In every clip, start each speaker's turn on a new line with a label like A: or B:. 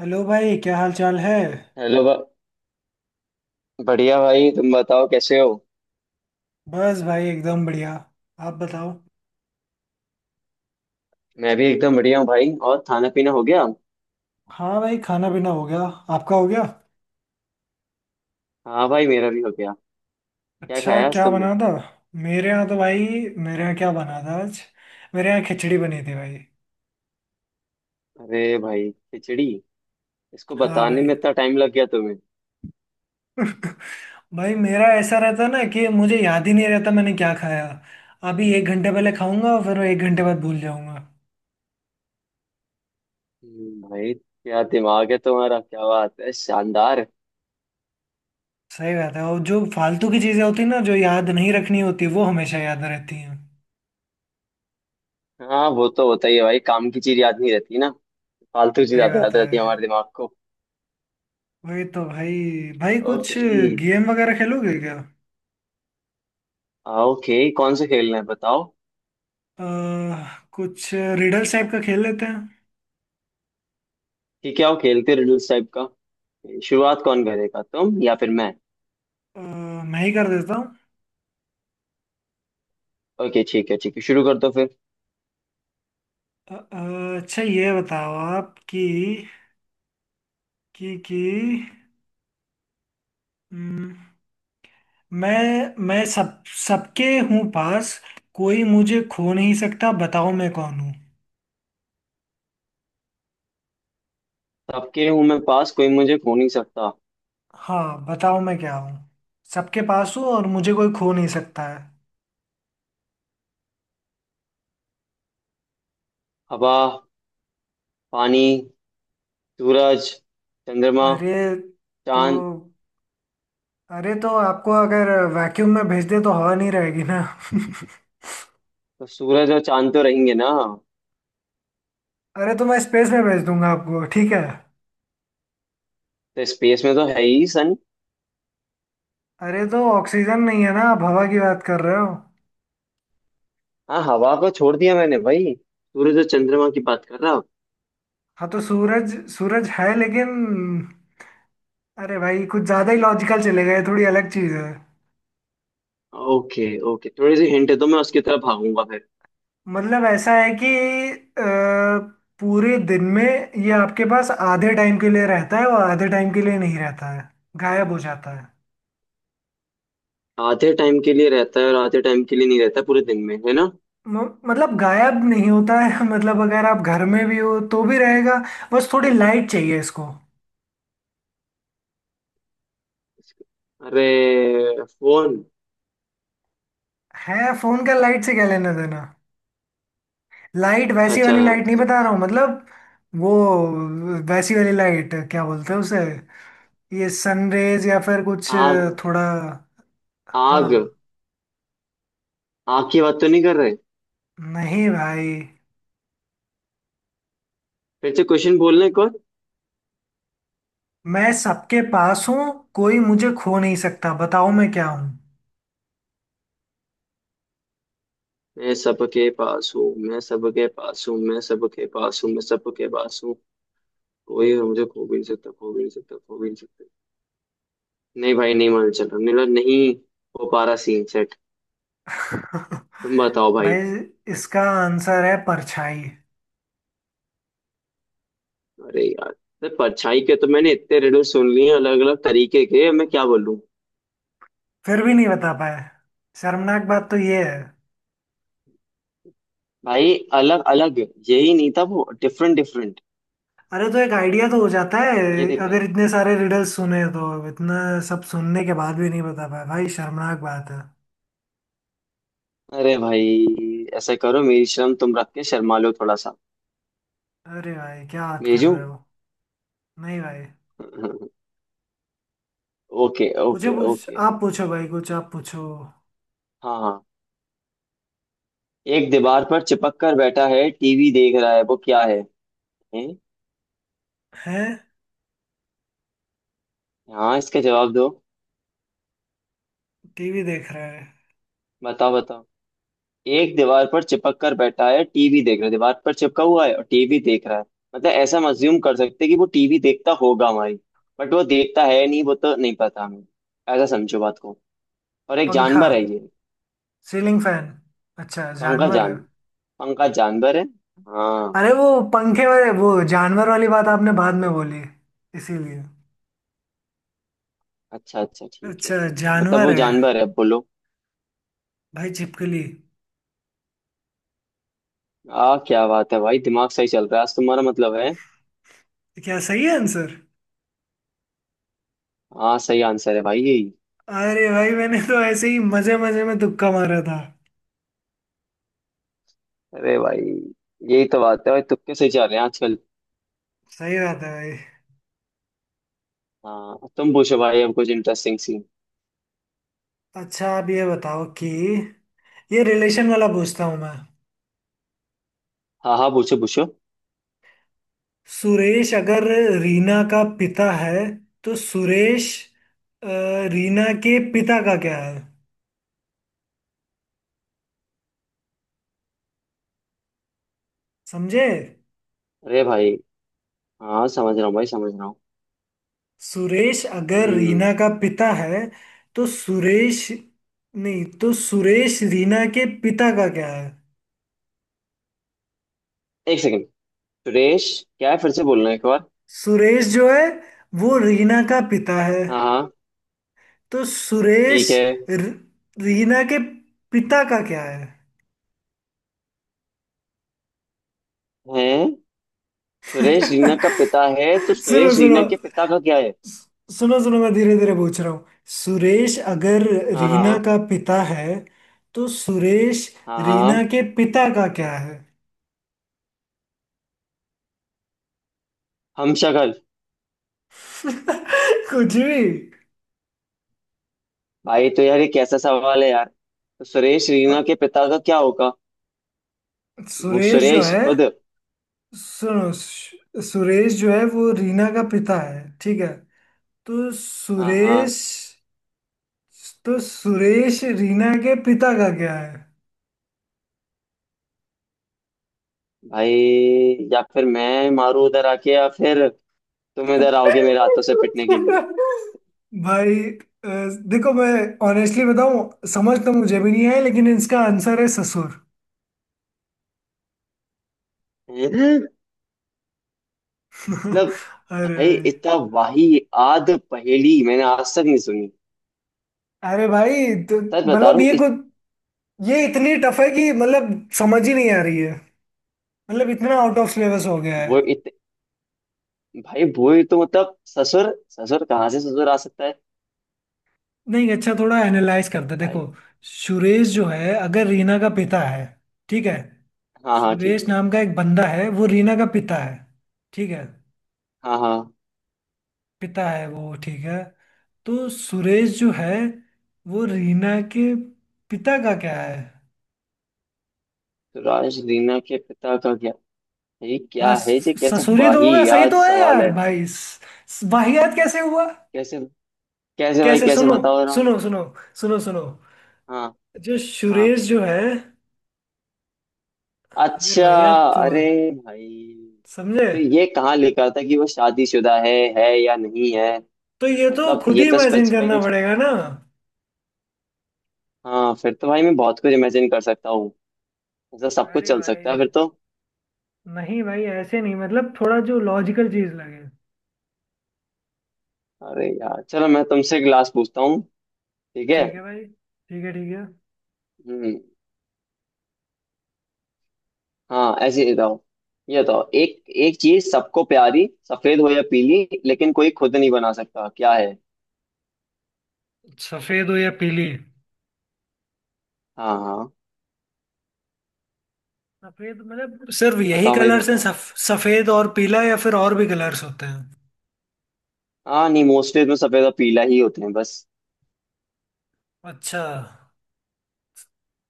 A: Hello भाई क्या हाल चाल है।
B: हेलो बा- बढ़िया भाई, तुम बताओ कैसे हो।
A: बस भाई एकदम बढ़िया। आप बताओ।
B: मैं भी एकदम बढ़िया हूँ भाई। और खाना पीना हो गया?
A: हाँ भाई खाना पीना हो गया। आपका हो गया?
B: हाँ भाई, मेरा भी हो गया। क्या
A: अच्छा
B: खाया आज
A: क्या
B: तुमने?
A: बना था? मेरे यहाँ तो भाई, मेरे यहाँ क्या बना था आज, मेरे यहाँ खिचड़ी बनी थी भाई।
B: अरे भाई, खिचड़ी! इसको
A: हाँ
B: बताने
A: भाई।
B: में इतना टाइम लग गया तुम्हें?
A: भाई मेरा ऐसा रहता ना कि मुझे याद ही नहीं रहता मैंने क्या खाया। अभी एक घंटे पहले खाऊंगा और फिर एक घंटे बाद भूल जाऊंगा।
B: भाई क्या दिमाग है तुम्हारा, क्या बात है, शानदार।
A: सही बात है, और जो फालतू की चीज़ें होती हैं ना जो याद नहीं रखनी होती वो हमेशा याद रहती हैं।
B: हाँ वो तो होता ही है भाई, काम की चीज याद नहीं रहती ना, फालतू चीज
A: सही
B: ज्यादा
A: बात
B: याद
A: है।
B: रहती है हमारे दिमाग को।
A: वही तो भाई। भाई कुछ
B: ओके।
A: गेम वगैरह खेलोगे क्या?
B: हाँ, ओके कौन से खेलना है बताओ।
A: अ, कुछ रिडल्स टाइप का खेल लेते हैं।
B: ठीक है, आओ खेलते रिडल्स टाइप का। शुरुआत कौन करेगा, तुम या फिर मैं?
A: अ, मैं ही कर देता हूँ।
B: ओके, ठीक है ठीक है, शुरू कर दो फिर।
A: अच्छा ये बताओ आप कि कि हम्म, मैं सब, सबके हूँ पास, कोई मुझे खो नहीं सकता, बताओ मैं कौन हूँ।
B: सबके हूं मैं पास, कोई मुझे खो नहीं सकता।
A: हाँ बताओ मैं क्या हूँ। सबके पास हूँ और मुझे कोई खो नहीं सकता है।
B: हवा। पानी। सूरज। चंद्रमा।
A: अरे तो,
B: चांद।
A: अरे तो आपको अगर वैक्यूम में भेज दे तो हवा नहीं रहेगी ना।
B: तो सूरज और चांद तो रहेंगे ना।
A: अरे तो मैं स्पेस में भेज दूंगा आपको ठीक है।
B: तो स्पेस में तो है ही सन।
A: अरे तो ऑक्सीजन नहीं है ना, आप हवा की बात कर रहे हो।
B: हाँ हवा को छोड़ दिया मैंने भाई, सूरज और चंद्रमा की बात कर रहा हूं।
A: हाँ तो सूरज सूरज है लेकिन, अरे भाई कुछ ज़्यादा ही लॉजिकल चले गए, थोड़ी अलग चीज़ है।
B: ओके। ओके, थोड़ी सी हिंट दो, मैं उसकी तरफ भागूंगा फिर।
A: मतलब ऐसा है कि अ, पूरे दिन में ये आपके पास आधे टाइम के लिए रहता है और आधे टाइम के लिए नहीं रहता है, गायब हो जाता है।
B: आधे टाइम के लिए रहता है और आधे टाइम के लिए नहीं रहता पूरे दिन में, है ना?
A: मतलब गायब नहीं होता है। मतलब अगर आप घर में भी हो तो भी रहेगा, बस थोड़ी लाइट चाहिए इसको।
B: अरे, फोन।
A: है फोन का लाइट से क्या लेना देना। लाइट,
B: अच्छा
A: वैसी
B: अच्छा
A: वाली लाइट नहीं
B: अच्छा,
A: बता
B: बस।
A: रहा हूँ, मतलब वो वैसी वाली लाइट क्या बोलते हैं उसे, ये सनरेज या फिर कुछ।
B: आग।
A: थोड़ा।
B: आग।
A: हाँ।
B: आग की बात तो नहीं कर रहे?
A: नहीं भाई।
B: फिर से क्वेश्चन बोलने को।
A: मैं सबके पास हूँ, कोई मुझे खो नहीं सकता, बताओ मैं क्या हूँ।
B: मैं सबके पास हूँ, मैं सबके पास हूँ, मैं सबके पास हूँ, मैं सबके पास हूँ। कोई मुझे खो भी नहीं सकता, खो भी नहीं सकता, खो भी नहीं सकता। नहीं भाई नहीं, मान चल रहा मेरा, नहीं हो पा रहा सीन सेट। तुम बताओ भाई।
A: भाई इसका आंसर है परछाई।
B: अरे यार, तो परछाई के तो मैंने इतने रिडल सुन लिए अलग अलग तरीके के, मैं क्या बोलूं।
A: फिर भी नहीं बता पाए, शर्मनाक बात तो ये है।
B: भाई अलग अलग, यही नहीं था वो, डिफरेंट डिफरेंट।
A: अरे तो एक आइडिया तो हो जाता है,
B: ये दिक्कत
A: अगर
B: है।
A: इतने सारे रिडल्स सुने तो इतना सब सुनने के बाद भी नहीं बता पाए भाई, शर्मनाक बात है।
B: अरे भाई ऐसा करो, मेरी शर्म तुम रख के शर्मा लो थोड़ा सा।
A: अरे भाई क्या बात कर
B: भेजूं?
A: रहे हो। नहीं भाई।
B: ओके
A: मुझे
B: ओके
A: पूछ
B: ओके।
A: आप पूछो भाई, कुछ आप पूछो।
B: हाँ हाँ, एक दीवार पर चिपक कर बैठा है, टीवी देख रहा है, वो क्या है? हैं?
A: हैं।
B: हाँ इसका जवाब दो।
A: टीवी देख रहे हैं?
B: बताओ बताओ। एक दीवार पर चिपक कर बैठा है, टीवी देख रहा है, दीवार पर चिपका हुआ है और टीवी देख रहा है। मतलब ऐसा मज्यूम कर सकते हैं कि वो टीवी देखता होगा हमारी, बट वो देखता है नहीं, वो तो नहीं पता हमें। ऐसा समझो बात को। और एक
A: पंखा।
B: जानवर है ये।
A: Ceiling fan. अच्छा
B: पंखा
A: जानवर है?
B: जान, पंखा जानवर है। हाँ।
A: अरे वो पंखे वाले, वो जानवर वाली बात आपने बाद में बोली, इसीलिए।
B: अच्छा अच्छा, ठीक है
A: अच्छा
B: ठीक है, मतलब
A: जानवर
B: वो
A: है।
B: जानवर है बोलो।
A: भाई छिपकली।
B: आ, क्या बात है भाई, दिमाग सही चल रहा है आज तुम्हारा, मतलब है।
A: क्या सही है आंसर?
B: हाँ सही आंसर है भाई, यही।
A: अरे भाई मैंने तो ऐसे ही मजे मजे में तुक्का मारा था।
B: अरे भाई, यही तो बात है भाई, तुक्के से जा रहे हैं आजकल।
A: सही बात है भाई।
B: हाँ तुम पूछो भाई, अब कुछ इंटरेस्टिंग सीन।
A: अच्छा आप ये बताओ कि, ये रिलेशन वाला पूछता हूँ मैं।
B: हाँ हाँ, पूछो पूछो।
A: सुरेश अगर रीना का पिता है, तो सुरेश अ, रीना के पिता का क्या है। समझे?
B: अरे भाई, हाँ समझ रहा हूँ भाई, समझ रहा हूँ।
A: सुरेश अगर
B: हम्म।
A: रीना का पिता है, तो सुरेश, नहीं, तो सुरेश रीना के पिता का क्या है।
B: एक सेकंड। सुरेश, क्या है फिर से बोलना एक बार।
A: सुरेश जो है वो रीना का पिता है,
B: हाँ हाँ,
A: तो सुरेश,
B: ठीक है।
A: र- रीना के पिता का क्या है।
B: हैं, सुरेश रीना का पिता है तो
A: सुनो
B: सुरेश
A: सुनो
B: रीना के पिता का क्या है?
A: सुनो सुनो, मैं धीरे धीरे पूछ रहा हूँ। सुरेश अगर
B: हाँ
A: रीना
B: हाँ
A: का पिता है, तो सुरेश
B: हाँ
A: रीना
B: हाँ।
A: के पिता का क्या है।
B: हम, शक्ल।
A: कुछ भी।
B: भाई तो यार ये कैसा सवाल है यार, तो सुरेश रीना
A: ह-
B: के पिता का क्या होगा, वो
A: सुरेश जो
B: सुरेश
A: है,
B: खुद।
A: सुनो, सुरेश जो है वो रीना का पिता है ठीक है, तो
B: हाँ हाँ।
A: सुरेश, तो सुरेश रीना के पिता का क्या है।
B: भाई, या फिर मैं मारू उधर आके, या फिर तुम इधर आओगे मेरे हाथों से पिटने के लिए।
A: भाई अ, देखो मैं ऑनेस्टली बताऊं समझ तो मुझे भी नहीं है, लेकिन इसका आंसर है ससुर।
B: हैं? मतलब,
A: अरे।
B: भाई इतना वाही आद पहेली मैंने आज तक नहीं सुनी,
A: अरे भाई तो
B: सच बता रहा
A: मतलब
B: हूँ
A: ये
B: इस।
A: कुछ, ये इतनी टफ है कि मतलब समझ ही नहीं आ रही है, मतलब इतना आउट ऑफ सिलेबस हो गया है।
B: वो इत, भाई वो ही तो मतलब, ससुर ससुर कहाँ से ससुर आ सकता है।
A: नहीं अच्छा थोड़ा एनालाइज करते हैं। देखो
B: भाई।
A: सुरेश जो है अगर रीना का पिता है, ठीक है,
B: हाँ हाँ, ठीक
A: सुरेश
B: है।
A: नाम का एक बंदा है वो रीना का पिता है ठीक है,
B: हाँ हाँ।
A: पिता है वो ठीक है, तो सुरेश जो है वो रीना के पिता का क्या है।
B: तो राज रीना के पिता का क्या, ये
A: हाँ
B: क्या है, ये कैसा
A: ससुरी तो
B: वाही
A: होगा, सही
B: याद
A: तो है
B: सवाल
A: यार
B: है?
A: भाई, वाहियात कैसे हुआ।
B: कैसे, कैसे भाई,
A: कैसे
B: कैसे
A: सुनो,
B: बताओ रहा
A: सुनो
B: हूँ।
A: सुनो सुनो,
B: हाँ
A: जो
B: हाँ।
A: सुरेश जो है, यार
B: अच्छा।
A: वाहियात तो है,
B: अरे भाई,
A: समझे।
B: तो ये कहाँ लिखा था कि वो शादीशुदा है या नहीं है।
A: तो ये तो
B: मतलब
A: खुद
B: ये
A: ही
B: तो
A: इमेजिन
B: स्पेसिफाई
A: करना
B: कुछ।
A: पड़ेगा ना।
B: हाँ फिर तो भाई मैं बहुत कुछ इमेजिन कर सकता हूँ, ऐसा सब कुछ
A: अरे
B: चल सकता
A: भाई।
B: है फिर तो।
A: नहीं भाई ऐसे नहीं, मतलब थोड़ा जो लॉजिकल चीज लगे।
B: अरे यार चलो, मैं तुमसे एक लास्ट पूछता हूँ, ठीक है।
A: ठीक है भाई ठीक है ठीक है।
B: हम्म। हाँ ऐसे ही बताओ। ये बताओ, एक एक चीज सबको प्यारी, सफेद हो या पीली, लेकिन कोई खुद नहीं बना सकता, क्या है?
A: सफेद हो या पीली?
B: हाँ हाँ,
A: सफेद मतलब सिर्फ यही
B: बताओ भाई
A: कलर्स हैं,
B: बताओ।
A: सफेद और पीला, या फिर और भी कलर्स होते हैं?
B: हाँ नहीं, मोस्टली तो सफेद और पीला ही होते हैं बस।
A: अच्छा।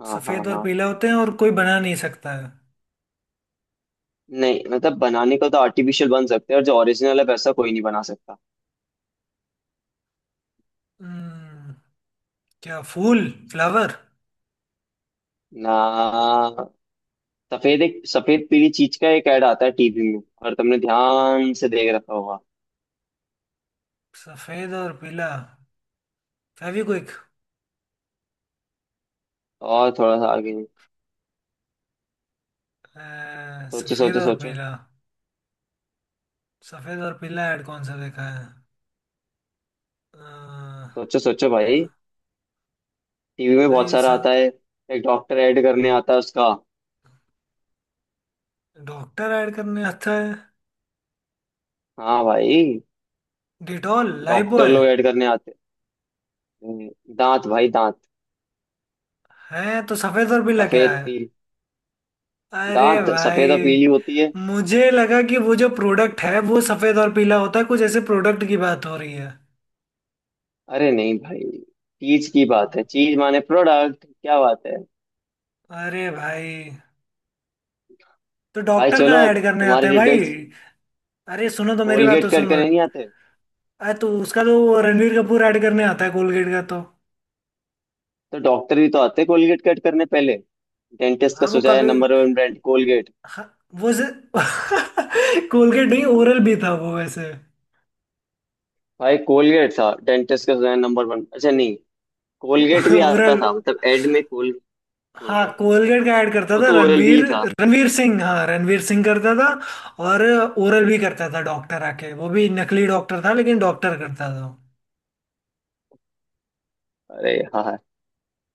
B: हाँ हाँ
A: सफेद और
B: हाँ।
A: पीला होते हैं और कोई बना नहीं सकता है।
B: नहीं मतलब बनाने को तो आर्टिफिशियल बन सकते हैं, और जो ओरिजिनल है वैसा कोई नहीं बना सकता।
A: हम्म, क्या फूल, फ्लावर?
B: ना, सफेद, एक सफेद पीली चीज का एक ऐड आता है टीवी में, और तुमने ध्यान से देख रखा होगा।
A: सफेद और पीला, फेविक्विक।
B: और थोड़ा सा आगे सोचो
A: सफेद
B: सोचो
A: और
B: सोचो।
A: पीला। सफेद और पीला ऐड कौन सा देखा है? अ,
B: सोचो सोचो
A: अ,
B: भाई, टीवी में बहुत
A: भाई
B: सारा
A: सब।
B: आता है। एक डॉक्टर ऐड करने आता है उसका।
A: डॉक्टर ऐड करने आता है?
B: हाँ भाई,
A: डिटॉल,
B: डॉक्टर
A: लाइबॉय?
B: लोग ऐड करने आते हैं। दांत भाई दांत।
A: है, तो सफेद और पीला क्या
B: सफेद
A: है।
B: पील,
A: अरे
B: दांत
A: भाई
B: सफेद और पीली होती है।
A: मुझे लगा कि वो जो प्रोडक्ट है वो सफेद और पीला होता है, कुछ ऐसे प्रोडक्ट की बात हो रही है।
B: अरे नहीं भाई, चीज की बात है, चीज माने प्रोडक्ट, क्या बात है।
A: अरे भाई तो
B: भाई
A: डॉक्टर
B: चलो
A: कहाँ
B: अब
A: ऐड करने आते
B: तुम्हारी
A: हैं भाई।
B: डिटेल्स,
A: अरे सुनो तो मेरी बात तो
B: कोलगेट कट
A: सुनो।
B: करने नहीं आते?
A: अरे तो उसका तो वो रणवीर कपूर ऐड करने आता है कोलगेट का तो।
B: तो डॉक्टर भी तो आते कोलगेट कट करने पहले, डेंटिस्ट का
A: हाँ वो
B: सुझाया
A: कभी,
B: नंबर वन ब्रांड कोलगेट।
A: हाँ, वो से कोलगेट नहीं, ओरल भी था वो वैसे।
B: भाई कोलगेट था, डेंटिस्ट का सुझाया नंबर वन, अच्छा नहीं, कोलगेट भी
A: ओरल।
B: आता था, मतलब एड में कोल।
A: हाँ
B: हाँ
A: कोलगेट का ऐड करता
B: वो
A: था
B: तो ओरल भी
A: रणवीर।
B: था।
A: रणवीर सिंह, हाँ रणवीर सिंह करता था, और ओरल भी करता था, डॉक्टर आके, वो भी नकली डॉक्टर था लेकिन डॉक्टर करता था।
B: अरे हाँ।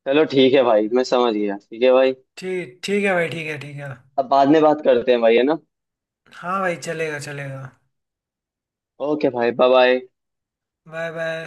B: चलो ठीक है भाई, मैं समझ गया, ठीक है भाई।
A: ठीक, ठीक है भाई ठीक है ठीक है।
B: अब बाद में बात करते हैं भाई, है ना।
A: हाँ भाई चलेगा चलेगा।
B: ओके भाई, बाय बाय।
A: Bye bye.